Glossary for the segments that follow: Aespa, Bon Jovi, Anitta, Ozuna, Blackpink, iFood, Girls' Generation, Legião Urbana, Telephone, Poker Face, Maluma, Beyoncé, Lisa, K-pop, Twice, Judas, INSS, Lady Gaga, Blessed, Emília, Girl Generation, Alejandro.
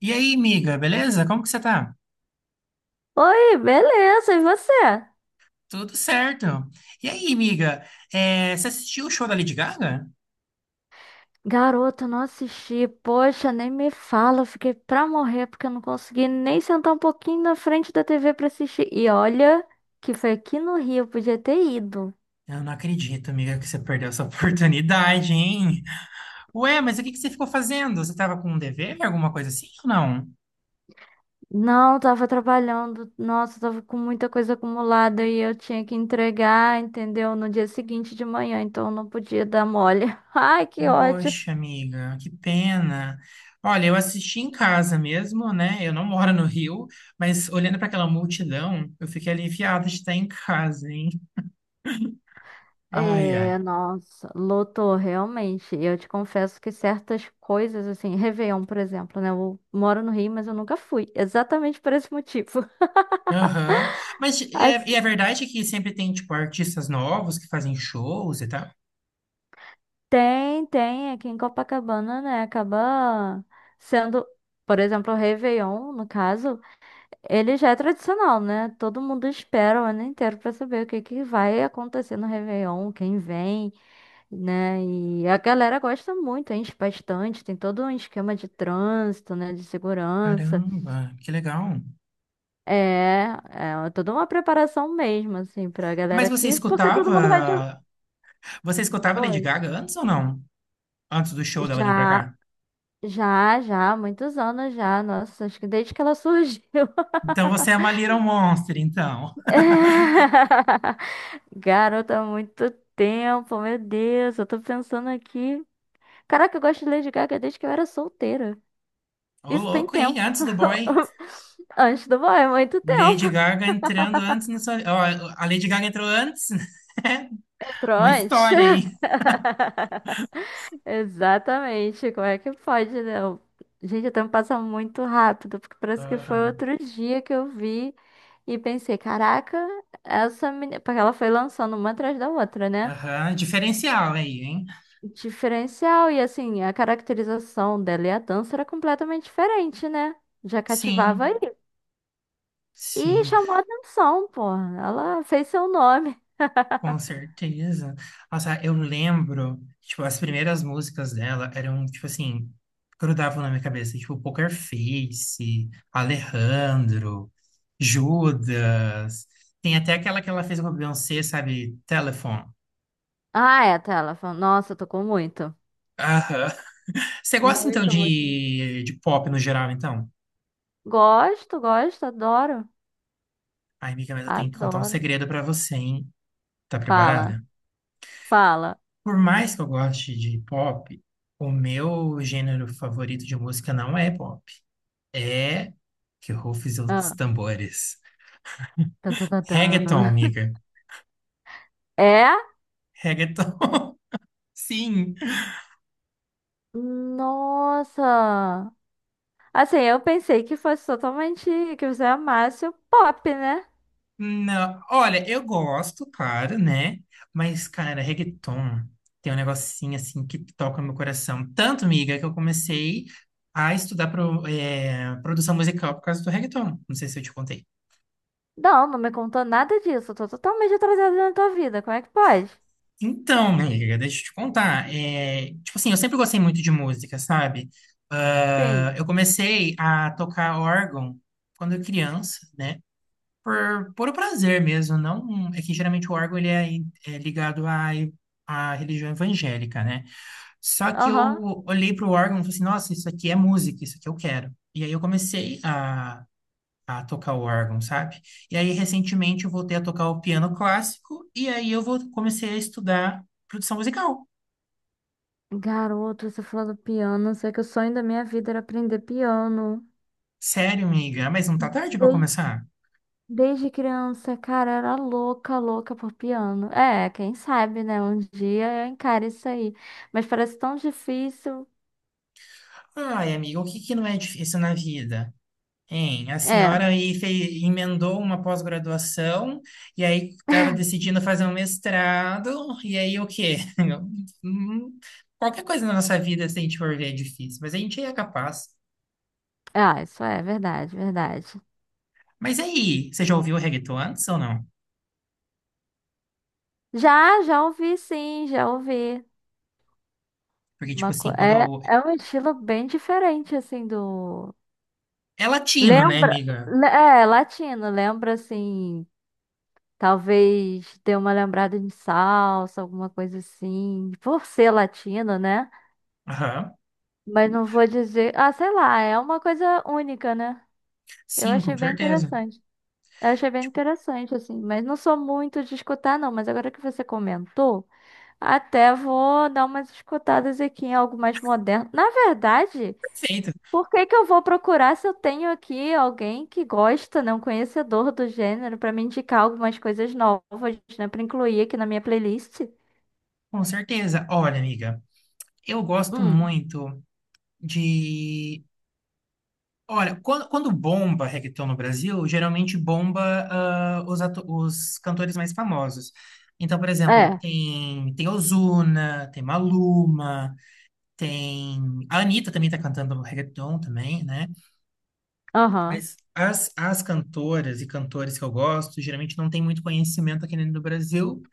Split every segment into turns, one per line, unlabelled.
E aí, miga, beleza? Como que você tá?
Oi, beleza, e você?
Tudo certo. E aí, miga, você assistiu o show da Lady Gaga?
Garota, não assisti. Poxa, nem me fala. Eu fiquei pra morrer porque eu não consegui nem sentar um pouquinho na frente da TV pra assistir. E olha, que foi aqui no Rio, eu podia ter ido.
Eu não acredito, miga, que você perdeu essa oportunidade, hein? Ué, mas o que que você ficou fazendo? Você tava com um dever, alguma coisa assim ou não?
Não, tava trabalhando. Nossa, tava com muita coisa acumulada e eu tinha que entregar, entendeu? No dia seguinte de manhã, então eu não podia dar mole. Ai, que ódio.
Poxa, amiga, que pena. Olha, eu assisti em casa mesmo, né? Eu não moro no Rio, mas olhando para aquela multidão, eu fiquei aliviada de estar em casa, hein? Ai,
É,
ai.
nossa, lotou realmente. Eu te confesso que certas coisas, assim, Réveillon, por exemplo, né? Eu moro no Rio, mas eu nunca fui, exatamente por esse motivo.
Aham. Mas é, e
As-
é verdade que sempre tem, tipo, artistas novos que fazem shows e tal?
tem, aqui em Copacabana, né? Acaba sendo, por exemplo, o Réveillon, no caso, ele já é tradicional, né? Todo mundo espera o ano inteiro pra saber o que que vai acontecer no Réveillon, quem vem. Né? E a galera gosta muito, enche bastante, tem todo um esquema de trânsito, né, de segurança.
Caramba, que legal.
É, é toda uma preparação mesmo, assim, pra galera
Mas você
aqui, porque todo mundo vai de...
escutava, você escutava Lady
Oi.
Gaga antes ou não? Antes do show dela vir pra
Já,
cá?
já, há muitos anos já, nossa, acho que desde que ela surgiu.
Então você é uma Little Monster, então.
É. Garota, há muito tempo, meu Deus, eu tô pensando aqui. Caraca, eu gosto de Lady Gaga desde que eu era solteira.
Ô,
Isso tem
louco, hein?
tempo.
Antes do boy.
Antes do banho, é muito
Lady
tempo.
Gaga entrando antes na sua. Ó, a Lady Gaga entrou antes? Uma
Pronto.
história aí.
Exatamente. Como é que pode, né? Gente, o tempo passa muito rápido, porque parece que foi
Aham.
outro dia que eu vi e pensei, caraca, essa menina. Porque ela foi lançando uma atrás da outra, né?
Aham. Diferencial aí, hein?
Diferencial, e assim, a caracterização dela e a dança era completamente diferente, né? Já cativava aí.
Sim,
E
sim,
chamou a atenção, pô. Ela fez seu nome.
com certeza. Nossa, eu lembro, tipo, as primeiras músicas dela eram, tipo assim, grudavam na minha cabeça, tipo, Poker Face, Alejandro, Judas. Tem até aquela que ela fez com a Beyoncé, sabe? Telephone.
Ah, é, tá. Ela falou, nossa, tocou muito.
Aham. Você gosta então
Muito, muito.
de pop no geral, então?
Gosto, gosto, adoro.
Ai, amiga, mas eu tenho que contar um
Adoro.
segredo pra você, hein? Tá
Fala,
preparada?
fala.
Por mais que eu goste de pop, o meu gênero favorito de música não é pop. É que rufem os
Ah.
tambores.
Tan, tan, tan,
Reggaeton,
tan.
amiga.
É?
Reggaeton. Sim.
Nossa! Assim, eu pensei que fosse totalmente que você amasse o pop, né?
Não, olha, eu gosto, claro, né? Mas, cara, reggaeton tem um negocinho assim que toca meu coração. Tanto, miga, que eu comecei a estudar produção musical por causa do reggaeton. Não sei se eu te contei.
Não, não me contou nada disso. Eu tô totalmente atrasada na tua vida. Como é que pode?
Então, amiga, deixa eu te contar. É tipo assim, eu sempre gostei muito de música, sabe? Ah,
Sim.
eu comecei a tocar órgão quando eu criança, né? Por o prazer mesmo, não é que geralmente o órgão ele é, é ligado à religião evangélica, né? Só que
Aham.
eu olhei para o órgão e falei assim, nossa, isso aqui é música, isso aqui eu quero. E aí a tocar o órgão, sabe? E aí recentemente eu voltei a tocar o piano clássico e aí comecei a estudar produção musical.
Garoto, você falou do piano. Sei que o sonho da minha vida era aprender piano.
Sério, amiga. Ah, mas não tá tarde para começar?
Desde criança, cara, eu era louca, louca por piano. É, quem sabe, né? Um dia eu encaro isso aí. Mas parece tão difícil.
Ai, amiga, o que que não é difícil na vida? Hein, a
É,
senhora aí fez, emendou uma pós-graduação e aí estava decidindo fazer um mestrado, e aí o quê? Hum, qualquer coisa na nossa vida, se a gente for ver, é difícil, mas a gente é capaz.
ah, isso é verdade, verdade.
Mas aí, você já ouviu o reggaeton antes ou não?
Já, já ouvi, sim, já ouvi.
Porque, tipo
Uma co...
assim, quando
é,
eu...
é um estilo bem diferente, assim, do.
É latino, né,
Lembra.
amiga?
É, latino, lembra, assim. Talvez dê uma lembrada de salsa, alguma coisa assim. Por ser latino, né?
Aham.
Mas não vou dizer. Ah, sei lá, é uma coisa única, né? Eu
Sim, com
achei bem
certeza.
interessante. Eu achei bem interessante, assim. Mas não sou muito de escutar, não. Mas agora que você comentou, até vou dar umas escutadas aqui em algo mais moderno. Na verdade,
Perfeito.
por que que eu vou procurar se eu tenho aqui alguém que gosta, né? Um conhecedor do gênero, pra me indicar algumas coisas novas, né? Pra incluir aqui na minha playlist?
Com certeza. Olha, amiga, eu gosto
Hum,
muito de... Olha, quando bomba reggaeton no Brasil, geralmente bomba os cantores mais famosos. Então, por exemplo,
é.
tem Ozuna, tem Maluma, tem... A Anitta também tá cantando reggaeton também, né?
Aham.
Mas as cantoras e cantores que eu gosto, geralmente não tem muito conhecimento aqui dentro do Brasil,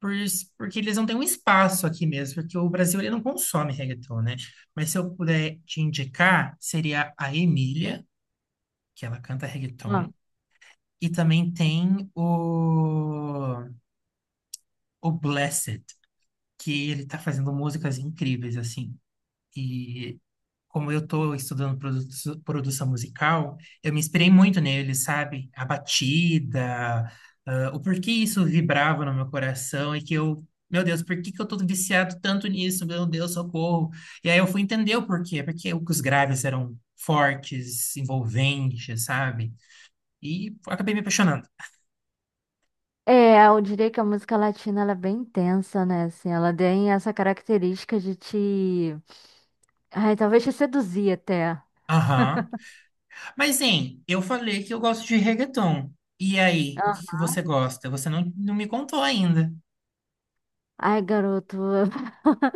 porque eles não têm um espaço aqui mesmo, porque o Brasil ele não consome reggaeton, né? Mas se eu puder te indicar, seria a Emília, que ela canta
Ah.
reggaeton. E também tem o Blessed, que ele tá fazendo músicas incríveis, assim. E como eu tô estudando produção musical, eu me inspirei muito nele, sabe? A batida, o porquê isso vibrava no meu coração e que eu, meu Deus, por que que eu tô viciado tanto nisso? Meu Deus, socorro. E aí eu fui entender o porquê, porque os graves eram fortes, envolventes, sabe? E acabei me apaixonando.
É, eu diria que a música latina ela é bem intensa, né? Assim, ela tem essa característica de te. Ai, talvez te seduzir até.
Aham. Mas, hein, eu falei que eu gosto de reggaeton. E aí, o que que
Aham.
você gosta? Você não me contou ainda.
Ai, garoto,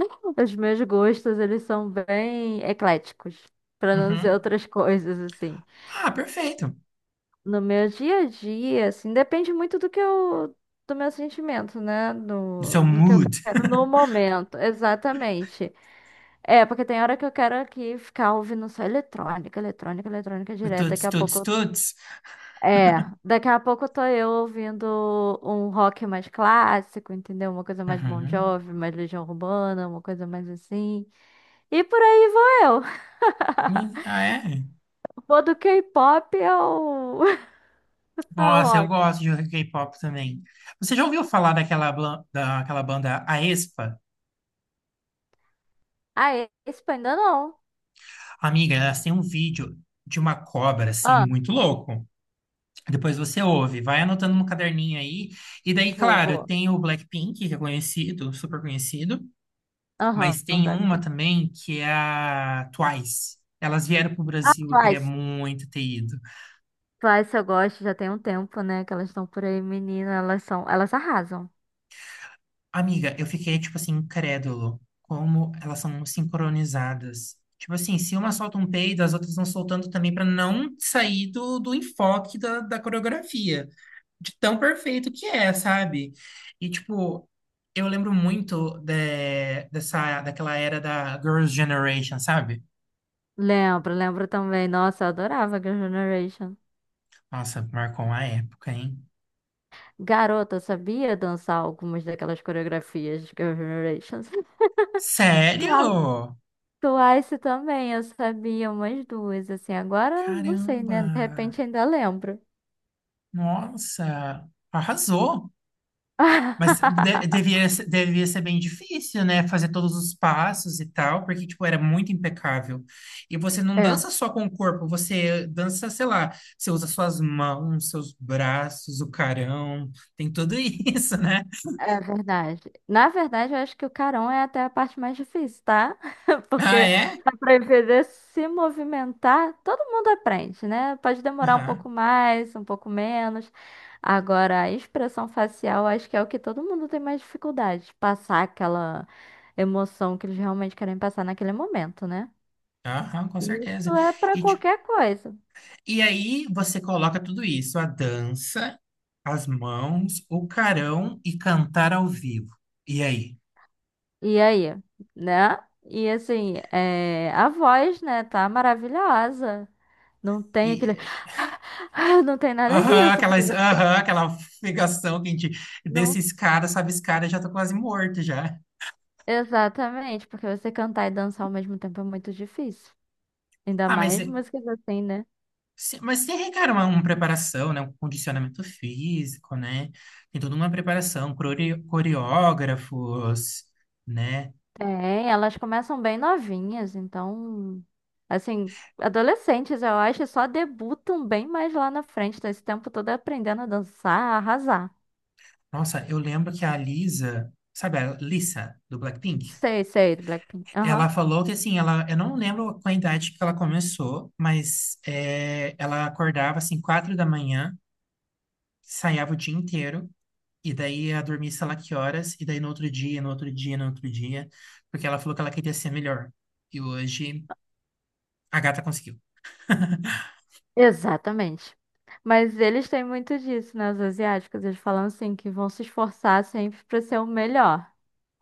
os meus gostos, eles são bem ecléticos, pra não dizer
Uhum.
outras coisas, assim.
Ah, perfeito.
No meu dia a dia, assim, depende muito do meu sentimento, né?
Do seu
Do que eu
mood.
quero no momento, exatamente. É, porque tem hora que eu quero aqui ficar ouvindo só eletrônica, eletrônica, eletrônica
Do
direto.
Tuts,
Daqui a
tuts,
pouco.
tuts.
É, daqui a pouco tô eu ouvindo um rock mais clássico, entendeu? Uma coisa mais Bon
Uhum.
Jovi, mais Legião Urbana, uma coisa mais assim. E por aí vou eu.
Hum. Ah, é?
Vou do K-pop ao, ao
Nossa, eu
rock.
gosto de K-pop também. Você já ouviu falar daquela banda Aespa?
Ah, esse ainda não.
Amiga, elas têm um vídeo de uma cobra, assim,
Ah,
muito louco. Depois você ouve, vai anotando no caderninho aí. E daí,
vou,
claro,
vou.
tem o Blackpink, que é conhecido, super conhecido.
Aham.
Mas tem uma
Blackpink.
também que é a Twice. Elas vieram pro
Ah,
Brasil, eu queria
Twice.
muito ter ido.
Twice eu gosto, já tem um tempo, né? Que elas estão por aí, menina. Elas são, elas arrasam.
Amiga, eu fiquei, tipo assim, incrédulo. Como elas são sincronizadas. Tipo assim, se uma solta um peido, as outras vão soltando também pra não sair do enfoque da coreografia. De tão perfeito que é, sabe? E, tipo, eu lembro muito dessa, daquela era da Girls' Generation, sabe?
Lembro, lembro também. Nossa, eu adorava Girl Generation.
Nossa, marcou uma época, hein?
Garota, eu sabia dançar algumas daquelas coreografias de Girl Generation. Twice,
Sério?
Twice também, eu sabia umas duas, assim. Agora, não sei, né? De
Caramba!
repente ainda lembro.
Nossa! Arrasou! Mas devia ser bem difícil, né? Fazer todos os passos e tal, porque, tipo, era muito impecável. E você não
É.
dança só com o corpo, você dança, sei lá, você usa suas mãos, seus braços, o carão, tem tudo isso, né?
É verdade. Na verdade, eu acho que o carão é até a parte mais difícil, tá?
Ah,
Porque
é?
para aprender a se movimentar, todo mundo aprende, né? Pode demorar um pouco
Aham,
mais, um pouco menos. Agora, a expressão facial, acho que é o que todo mundo tem mais dificuldade, passar aquela emoção que eles realmente querem passar naquele momento, né?
aham, com certeza.
Isso é para
E, tipo,
qualquer coisa.
e aí você coloca tudo isso, a dança, as mãos, o carão e cantar ao vivo. E aí?
E aí, né? E assim, é, a voz, né, tá maravilhosa. Não tem aquele.
E,
Não tem nada
aham,
disso, porque você
aquela figação que a gente,
não.
desses caras, sabe, esse cara já tá quase morto já.
Exatamente, porque você cantar e dançar ao mesmo tempo é muito difícil. Ainda
Ah, mas,
mais
é,
músicas assim, né?
se- mas tem requer uma preparação, né? Um condicionamento físico, né? Tem toda uma preparação, coreógrafos, né?
Tem, elas começam bem novinhas, então. Assim, adolescentes, eu acho, só debutam bem mais lá na frente, tá esse tempo todo aprendendo a dançar, a arrasar.
Nossa, eu lembro que a Lisa, sabe a Lisa do Blackpink?
Sei, sei, do Blackpink.
Ela
Aham.
falou que assim, ela, eu não lembro com a idade que ela começou, mas é, ela acordava assim 4 da manhã, ensaiava o dia inteiro e daí ia dormir sei lá que horas e daí no outro dia, no outro dia, no outro dia, porque ela falou que ela queria ser melhor. E hoje a gata conseguiu.
Exatamente. Mas eles têm muito disso, né? Os asiáticos, eles falam assim, que vão se esforçar sempre pra ser o melhor.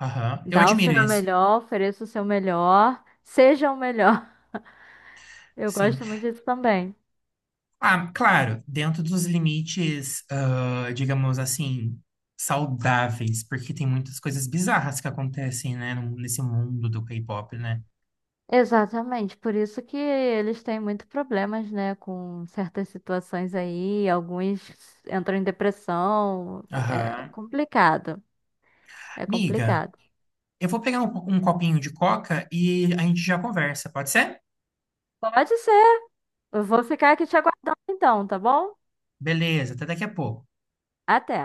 Aham, eu
Dá o
admiro
seu
isso.
melhor, ofereça o seu melhor, seja o melhor. Eu
Sim.
gosto muito disso também.
Ah, claro, dentro dos limites, ah, digamos assim, saudáveis, porque tem muitas coisas bizarras que acontecem, né, nesse mundo do K-pop, né?
Exatamente, por isso que eles têm muito problemas, né, com certas situações aí, alguns entram em depressão, é
Aham.
complicado, é
Amiga,
complicado.
eu vou pegar um copinho de coca e a gente já conversa, pode ser?
Pode ser, eu vou ficar aqui te aguardando então, tá bom?
Beleza, até daqui a pouco.
Até.